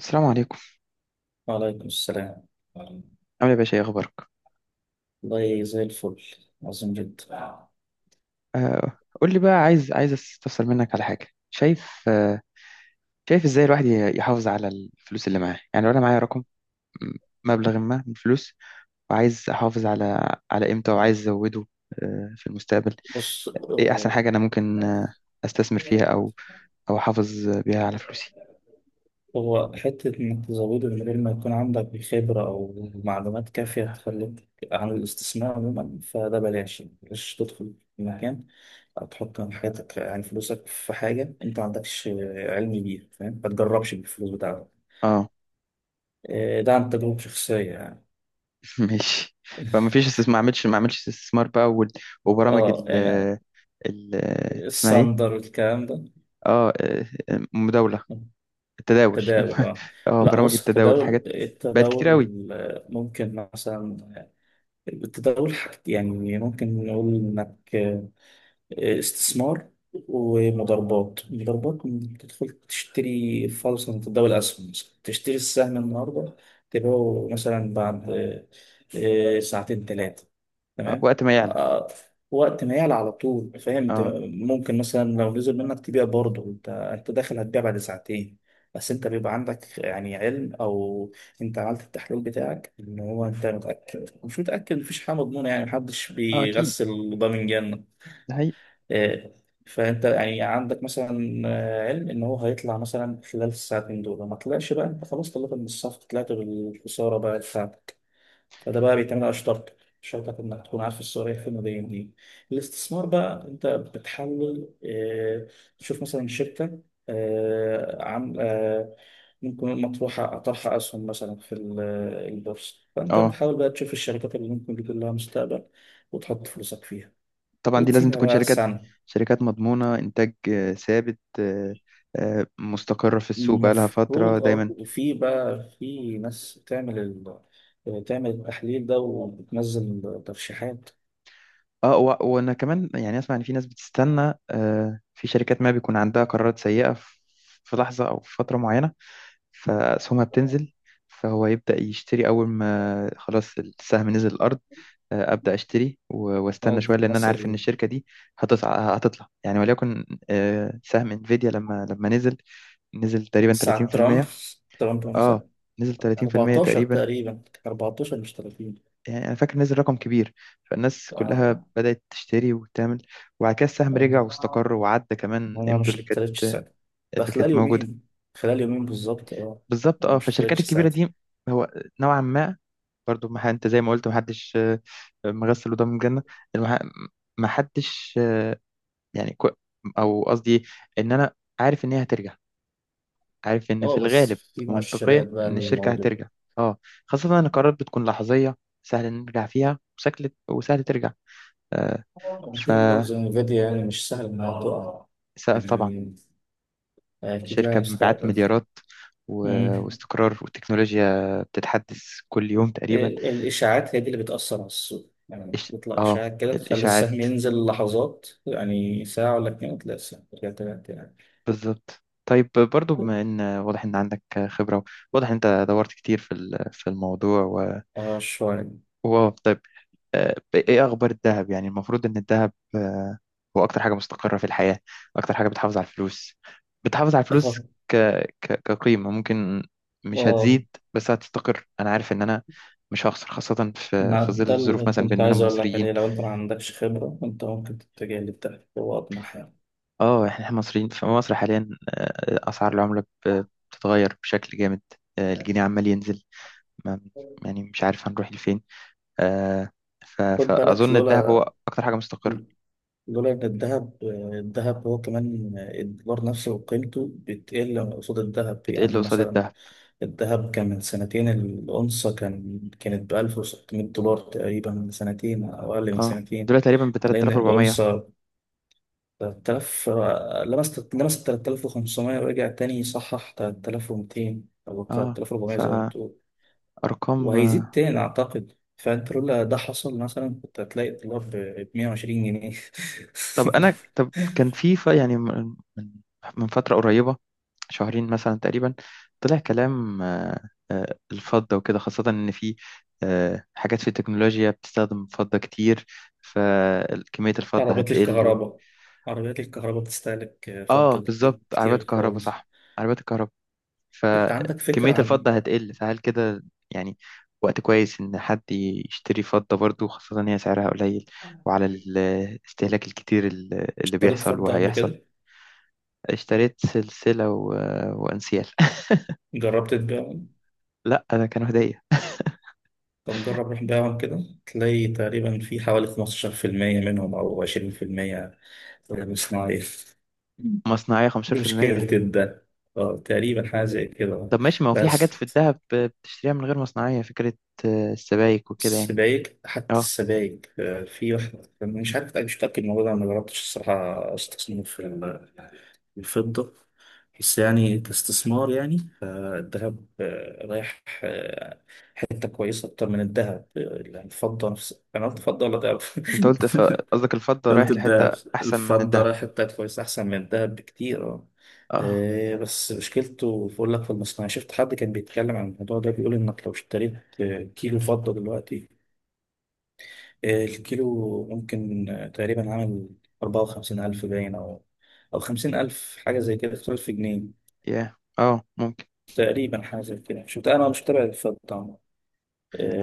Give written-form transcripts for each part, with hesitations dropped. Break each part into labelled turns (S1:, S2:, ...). S1: السلام عليكم.
S2: وعليكم السلام.
S1: عامل ايه يا باشا؟ ايه اخبارك؟
S2: والله زي الفل. عظيم جدا.
S1: آه قول لي بقى، عايز استفسر منك على حاجه. شايف شايف ازاي الواحد يحافظ على الفلوس اللي معاه؟ يعني لو انا معايا رقم، م- مبلغ ما من الفلوس، وعايز احافظ على قيمته وعايز ازوده في المستقبل.
S2: بص،
S1: ايه احسن حاجه انا ممكن استثمر فيها، او او احافظ بيها على فلوسي؟
S2: هو حتة إنك تزوده من غير ما يكون عندك خبرة أو معلومات كافية هتخليك عن الاستثمار عموما. فده بلاش تدخل في مكان أو تحط من حياتك يعني فلوسك في حاجة أنت ما عندكش علم بيها، فاهم؟ ما تجربش بالفلوس بتاعتك.
S1: اه
S2: ده عن تجربة شخصية يعني.
S1: ماشي. فما فيش استثمار؟ ما اعملش، ما اعملش استثمار بقى وبرامج
S2: اه،
S1: ال
S2: يعني
S1: ال اسمها ايه؟
S2: الساندر والكلام ده.
S1: اه، مداوله، التداول
S2: تداول، اه.
S1: اه
S2: لا،
S1: برامج
S2: بص،
S1: التداول
S2: التداول
S1: حاجات بقت كتير قوي.
S2: التداول ممكن مثلا، التداول حاجة يعني ممكن نقول انك استثمار ومضاربات. تدخل تشتري فرصة من تداول الأسهم، مثلا تشتري السهم النهاردة تبيعه مثلا بعد ساعتين ثلاثة.
S1: آه،
S2: تمام.
S1: وقت ما يعلى.
S2: آه، وقت ما يعلى على طول، فاهم؟ انت
S1: اه،
S2: ممكن مثلا لو نزل منك تبيع برضه، انت داخل هتبيع بعد ساعتين. بس انت بيبقى عندك يعني علم، او انت عملت التحليل بتاعك، ان هو انت متأكد مش متأكد. مفيش حاجة مضمونة يعني، محدش
S1: اه اكيد،
S2: بيغسل ضامن جنة.
S1: ده حقيقي.
S2: آه، فانت يعني عندك مثلا علم ان هو هيطلع مثلا خلال الساعتين دول. ما طلعش بقى، انت خلاص طلعت من الصف، طلعت بالخساره بقى بتاعتك. فده بقى بيتعمل على شرطك انك تكون عارف السعوديه فين وجايه منين. الاستثمار بقى انت بتحلل، تشوف مثلا شركه، آه، عم آه، ممكن مطروحة طرح أسهم مثلا في البورصة. فأنت
S1: اه
S2: بتحاول بقى تشوف الشركات اللي ممكن يكون لها مستقبل وتحط فلوسك فيها
S1: طبعا، دي لازم
S2: وتسيبها
S1: تكون
S2: بقى
S1: شركات
S2: سنة.
S1: شركات مضمونة، انتاج ثابت، مستقرة في السوق بقالها فترة
S2: المفروض، اه.
S1: دايما.
S2: وفي بقى في ناس بتعمل تعمل التحليل ده وبتنزل ترشيحات.
S1: اه، وانا كمان يعني اسمع ان في ناس بتستنى، آه، في شركات ما بيكون عندها قرارات سيئة في في لحظة او في فترة معينة، فاسهمها بتنزل، فهو يبدأ يشتري. اول ما خلاص السهم نزل الارض، آه، ابدا اشتري واستنى
S2: اه،
S1: شويه، لان انا عارف ان
S2: مثل
S1: الشركه دي هتطلع. يعني وليكن آه، سهم انفيديا، لما نزل، نزل تقريبا
S2: ساعة ترامب
S1: 30%.
S2: ترامب
S1: اه
S2: مثلا.
S1: نزل 30%
S2: 14
S1: تقريبا.
S2: تقريبا، 14 مش 30.
S1: يعني انا فاكر نزل رقم كبير، فالناس كلها
S2: اه،
S1: بدات تشتري وتعمل، وبعد كده السهم رجع واستقر
S2: اه،
S1: وعدى كمان
S2: انا
S1: قيمته
S2: مش اشتريتش ساعتها. ده
S1: اللي
S2: خلال
S1: كانت موجوده.
S2: يومين، خلال يومين بالظبط، اه.
S1: بالظبط
S2: انا
S1: اه،
S2: مش
S1: فالشركات
S2: اشتريتش
S1: الكبيره
S2: ساعتها.
S1: دي هو نوعا ما برضو ما ح- انت زي ما قلت ما حدش آه، مغسل ودم الجنه. المح- ما حدش يعني او قصدي ان انا عارف ان هي هترجع، عارف ان في
S2: اه، بس
S1: الغالب
S2: في
S1: منطقيا
S2: مؤشرات بقى
S1: ان الشركه
S2: للموضوع.
S1: هترجع. اه، خاصه ان القرارات بتكون لحظيه، سهل نرجع فيها، وسهل ترجع. آه، ف
S2: ممكن برضه زي انفيديا يعني، مش سهل انها تقع
S1: طبعا
S2: يعني، اكيد
S1: شركه
S2: لها
S1: بمبيعات
S2: مستقبل.
S1: مليارات و...
S2: مم.
S1: واستقرار، والتكنولوجيا بتتحدث كل يوم تقريبا.
S2: الإشاعات هي دي اللي بتأثر على السوق، يعني تطلع
S1: اه
S2: إشاعات كده تخلي
S1: الاشاعات،
S2: السهم ينزل لحظات، يعني ساعة ولا اتنين تلاقي السهم رجع تاني يعني.
S1: بالظبط. طيب برضو، بما ان واضح ان عندك خبره، واضح ان انت دورت كتير في الموضوع و...
S2: اه، شوية.
S1: واو طيب، آه، ايه اخبار الذهب؟ يعني المفروض ان الذهب آه، هو اكتر حاجه مستقره في الحياه، اكتر حاجه بتحافظ على الفلوس، بتحافظ على الفلوس
S2: تخط.
S1: ك... كقيمه. ممكن مش
S2: اه،
S1: هتزيد بس هتستقر، انا عارف ان انا مش هخسر، خاصه في
S2: ما
S1: في ظل
S2: ده
S1: الظروف
S2: اللي
S1: مثلا
S2: كنت
S1: باننا
S2: عايز أقول لك
S1: مصريين.
S2: عليه، لو أنت ما عندكش خبرة أنت ممكن تتجه للذهب، هو أطمح يعني.
S1: اه احنا، إحنا مصريين في مصر حاليا، آه، اسعار العمله بتتغير بشكل جامد، آه، الجنيه عمال ينزل، ما... يعني مش عارف هنروح لفين، آه،
S2: خد بالك،
S1: فاظن الذهب
S2: لولا
S1: هو اكتر حاجه مستقره.
S2: لولا إن الذهب هو كمان الدولار نفسه وقيمته بتقل قصاد الذهب.
S1: بتقل
S2: يعني
S1: قصاد
S2: مثلا
S1: الذهب.
S2: الذهب كان من سنتين، الأونصة كانت بألف وستمية دولار تقريبا، من سنتين أو أقل من
S1: اه
S2: سنتين.
S1: دلوقتي تقريبا ب
S2: حاليا
S1: 3400.
S2: الأونصة تلات آلاف. لمست تلات آلاف وخمسمية ورجع تاني يصحح تلات آلاف ومتين أو تلات
S1: اه
S2: آلاف وأربعمية زي ما
S1: فارقام.
S2: بتقول. وهيزيد
S1: آه.
S2: تاني أعتقد. فأنت لولا ده حصل مثلا كنت هتلاقي الدولار بمية وعشرين جنيه.
S1: طب انا، طب كان في، يعني من من فتره قريبه، شهرين مثلا تقريبا، طلع كلام الفضة وكده، خاصة إن في آه، حاجات في التكنولوجيا بتستخدم فضة كتير، فكمية الفضة
S2: عربيات
S1: هتقل و...
S2: الكهرباء عربيات الكهرباء بتستهلك
S1: آه
S2: فضة
S1: بالظبط عربيات
S2: كتير
S1: الكهرباء
S2: خالص.
S1: صح، عربيات الكهرباء،
S2: انت عندك فكرة
S1: فكمية
S2: عن؟
S1: الفضة هتقل، فهل كده يعني وقت كويس إن حد يشتري فضة برضو، خاصة إن هي سعرها قليل، وعلى الاستهلاك الكتير اللي
S2: اشتريت
S1: بيحصل
S2: فضة قبل
S1: وهيحصل.
S2: كده؟
S1: اشتريت سلسلة و... وأنسيال
S2: جربت تبيعهم؟
S1: لا ده كانوا هدية.
S2: طب جرب روح بيعهم كده. تلاقي تقريبا في حوالي 15% منهم أو 20% غير صناعي.
S1: مصنعية
S2: دي مشكلة
S1: 15%؟
S2: ده. اه، تقريبا حاجة زي كده.
S1: طب ماشي، ما هو في حاجات
S2: بس
S1: في الدهب بتشتريها من غير مصنعية فكرة، آه، السبائك وكده يعني.
S2: السبايك، حتى
S1: اه
S2: السبايك، في واحدة مش عارف، مش متأكد من الموضوع ده، أنا ما جربتش الصراحة استصنف الفضة. بس يعني كاستثمار، يعني فالذهب رايح، حته كويسه اكتر من الذهب يعني، الفضه نفس. انا قلت فضه ولا ذهب؟
S1: انت قلت قصدك الفضة رايح
S2: قلت
S1: لحتة
S2: الذهب.
S1: أحسن من
S2: الفضه
S1: الدهب.
S2: رايح حته كويسه احسن من الذهب بكتير، اه.
S1: اه،
S2: بس مشكلته بقول لك في المصنع. شفت حد كان بيتكلم عن الموضوع ده، بيقول انك لو اشتريت كيلو فضه دلوقتي، الكيلو ممكن تقريبا عامل 54000، باين، او 50000، حاجه زي كده، 5000 جنيه
S1: يا اه ممكن.
S2: تقريبا، حاجه زي كده شفت. انا مش متابع الفضه طبعاً.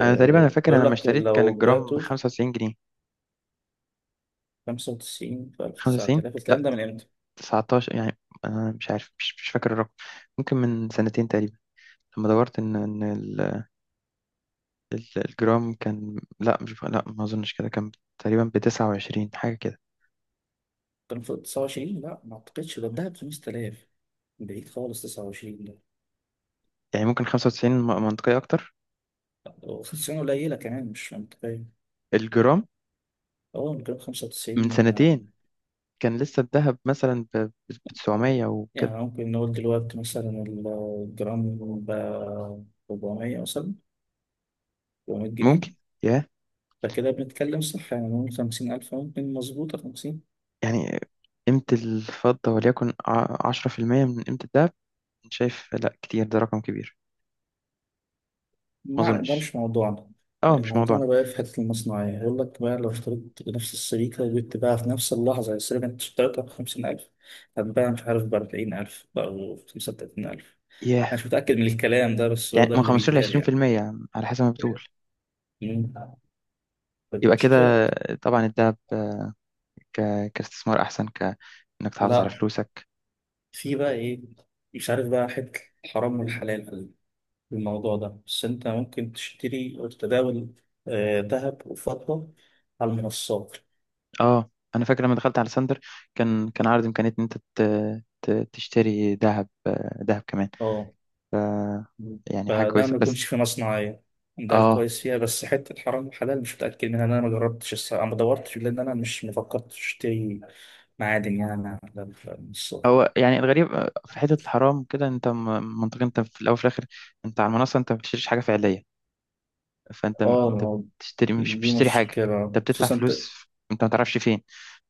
S1: انا تقريبا، انا فاكر انا
S2: بقول
S1: لما
S2: لك
S1: اشتريت كان
S2: لو
S1: الجرام ب
S2: بعته
S1: 95 جنيه،
S2: خمسة وتسعين في ألف، تسعة
S1: 95
S2: آلاف. الكلام
S1: لا
S2: ده من إمتى؟
S1: 19 يعني، انا مش عارف، مش فاكر الرقم. ممكن من سنتين تقريبا لما دورت ان الجرام كان، لا مش، لا ما اظنش كده، كان تقريبا ب 29 حاجه كده.
S2: كان في تسعة وعشرين، لا ما أعتقدش، ده الدهب بخمسة آلاف، بعيد خالص تسعة وعشرين ده.
S1: يعني ممكن 95 منطقيه اكتر،
S2: وتسعين قليلة كمان، مش منطقية.
S1: الجرام
S2: أول كان خمسة
S1: من
S2: وتسعين،
S1: سنتين، كان لسه الذهب مثلا ب 900 وكده.
S2: يعني ممكن نقول دلوقتي مثلا الجرام ب 400 مثلا، 400 جنيه.
S1: ممكن، يا
S2: فكده بنتكلم صح، يعني نقول 50000 ممكن مظبوطة، 50.
S1: يعني قيمه الفضه وليكن 10% من قيمه الذهب. شايف؟ لا كتير، ده رقم كبير، ما
S2: معنى ده
S1: اظنش.
S2: مش موضوعنا.
S1: اه مش موضوعنا.
S2: موضوعنا بقى في حتة المصنعية، يقول لك بقى لو اشتريت نفس السبيكة وجيت تباعها في نفس اللحظة، السبيكة اللي أنت اشتريتها بخمسين ألف هتباع مش عارف بأربعين ألف أو بخمسة وتلاتين ألف.
S1: ياه،
S2: أنا مش متأكد من الكلام ده، بس هو
S1: يعني
S2: ده
S1: من
S2: اللي
S1: 15 ل
S2: بيتقال يعني.
S1: 20% على حسب ما بتقول،
S2: مم. طب
S1: يبقى
S2: مشكلة،
S1: كده. طبعا الدهب ك... كاستثمار احسن، ك انك تحافظ على
S2: لا.
S1: فلوسك.
S2: في بقى إيه، مش عارف بقى، حتة الحرام والحلال في الموضوع ده. بس أنت ممكن تشتري أو تتداول ذهب وفضة على المنصات.
S1: اه انا فاكر لما دخلت على ساندر، كان عرض امكانيه ان انت تشتري ذهب، آه، ذهب كمان.
S2: اه،
S1: ف يعني حاجه
S2: فده
S1: كويسه،
S2: ما
S1: بس
S2: يكونش في مصنعية، ده
S1: اه
S2: الكويس فيها. بس حتة حرام وحلال مش متأكد منها، إن أنا ما جربتش الصراحة، ما دورتش، لأن أنا مش مفكرتش أشتري معادن يعني على من الصغر.
S1: هو يعني الغريب آه، في حته الحرام كده، انت منطقيا انت في الاول وفي الاخر انت على المنصه انت ما بتشتريش حاجه فعليه، فانت
S2: آه، ما
S1: انت
S2: هو
S1: بتشتري، مش
S2: دي
S1: بتشتري حاجه،
S2: مشكلة
S1: انت بتدفع
S2: خصوصا أنت.
S1: فلوس، انت ما تعرفش فين.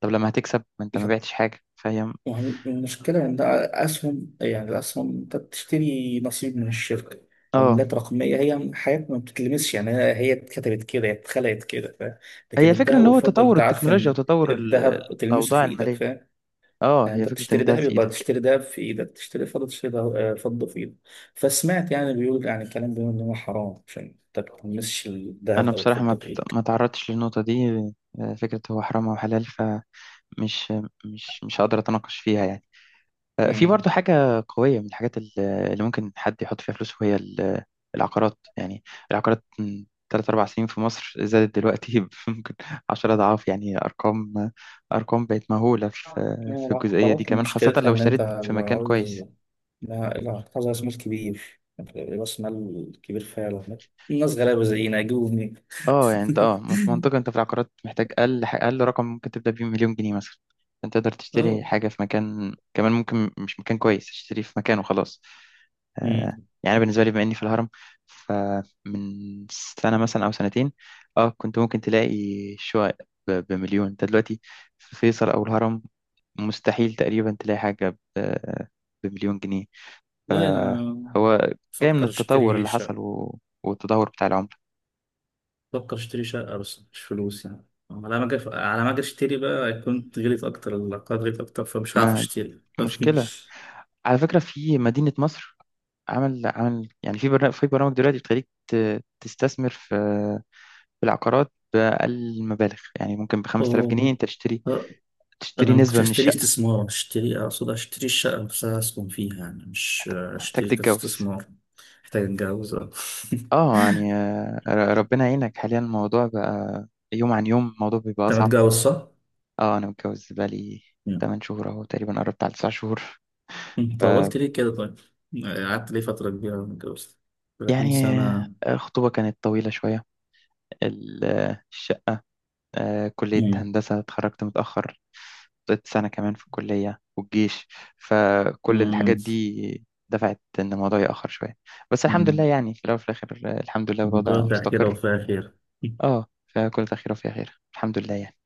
S1: طب لما هتكسب، ما انت ما بعتش حاجه، فهي م-،
S2: المشكلة إن ده أسهم، يعني الأسهم أنت بتشتري نصيب من الشركة.
S1: اه
S2: عملات رقمية، هي حياتنا ما بتتلمسش يعني، هي اتكتبت كده، هي اتخلقت كده، فاهم؟
S1: هي
S2: لكن
S1: الفكره
S2: الذهب
S1: ان هو
S2: والفضة
S1: تطور
S2: أنت عارف
S1: التكنولوجيا
S2: إن
S1: وتطور
S2: الذهب تلمسه
S1: الاوضاع
S2: في إيدك،
S1: الماليه.
S2: فاهم؟
S1: اه
S2: يعني
S1: هي
S2: انت
S1: فكره ان
S2: بتشتري
S1: ده
S2: دهب
S1: في
S2: يبقى
S1: ايدك.
S2: تشتري دهب في ايدك، تشتري فضه، تشتري ده- آه، فضه في ايدك. فسمعت يعني بيقول، يعني الكلام بيقول ان هو حرام عشان انت ما تلمسش
S1: انا
S2: الذهب او
S1: بصراحه
S2: الفضه في
S1: ما
S2: ايدك.
S1: تعرضتش للنقطه دي، آه، فكره هو حرام او حلال، فمش مش مش هقدر اتناقش فيها يعني. آه، في
S2: امم.
S1: برضه حاجة قوية من الحاجات اللي ممكن حد يحط فيها فلوس، وهي ال- العقارات يعني، العقارات من تلات أربع سنين في مصر زادت دلوقتي ب- ممكن عشرة أضعاف، يعني أرقام، بقت مهولة في
S2: يعني
S1: في الجزئية دي
S2: العقارات
S1: كمان، خاصة
S2: مشكلتها
S1: لو
S2: ان انت
S1: اشتريت في
S2: لو
S1: مكان
S2: عاوز،
S1: كويس.
S2: لا العقار عايز راس مال كبير. راس مال كبير فعلا. الناس غلابه زينا يجيبوا منين؟
S1: اه يعني انت اه في منطقة، انت في العقارات محتاج اقل رقم ممكن تبدأ بيه مليون جنيه مثلا، انت تقدر تشتري
S2: اه.
S1: حاجة في مكان كمان، ممكن مش مكان كويس، تشتري في مكان وخلاص. آه،
S2: امم.
S1: يعني أنا بالنسبة لي بما إني في الهرم، فمن سنة مثلا أو سنتين، اه كنت ممكن تلاقي شقق بمليون، انت دلوقتي في فيصل أو الهرم مستحيل تقريبا تلاقي حاجة بمليون جنيه.
S2: والله انا
S1: هو جاي من
S2: بفكر
S1: التطور
S2: اشتري
S1: اللي حصل
S2: شقه
S1: والتدهور بتاع العملة.
S2: بفكر اشتري شقة بس مش فلوس يعني. على ما أجي اشتري بقى كنت غليت أكتر، العقار غليت أكتر فمش هعرف
S1: ما
S2: اشتري.
S1: مشكلة، على فكرة في مدينة مصر عمل، يعني في برنامج، في برامج دلوقتي بتخليك تستثمر في في العقارات بأقل المبالغ، يعني ممكن ب 5000
S2: أوه.
S1: جنيه انت تشتري،
S2: آه،
S1: تشتري
S2: أنا ما كنتش
S1: نسبة من
S2: هشتري
S1: الشقة.
S2: استثمار، اشتري أقصد اشتري الشقة نفسها أسكن فيها يعني، مش
S1: محتاج
S2: اشتري
S1: تتجوز.
S2: كاستثمار. محتاج أتجوز، آه.
S1: اه يعني آه، ربنا يعينك، حاليا الموضوع بقى يوم عن يوم الموضوع بيبقى
S2: أنت
S1: أصعب.
S2: متجوز صح؟
S1: اه أنا متجوز بقالي
S2: مم.
S1: 8 شهور أهو تقريبا، قربت على 9 شهور.
S2: أنت
S1: ف
S2: طولت ليه كده طيب؟ قعدت ليه فترة كبيرة ما اتجوزت؟ 30
S1: يعني
S2: سنة.
S1: آه، الخطوبة كانت طويلة شوية، آه، الشقة، آه، كلية
S2: مم.
S1: هندسة اتخرجت متأخر، قضيت سنة كمان في الكلية والجيش، فكل الحاجات
S2: مم.
S1: دي دفعت إن الموضوع يأخر شوية. بس الحمد لله،
S2: مم.
S1: يعني في الأول وفي الآخر الحمد لله
S2: من
S1: الوضع
S2: كل خير
S1: مستقر.
S2: وفيها خير.
S1: اه فكل خير وفي خير الحمد لله يعني.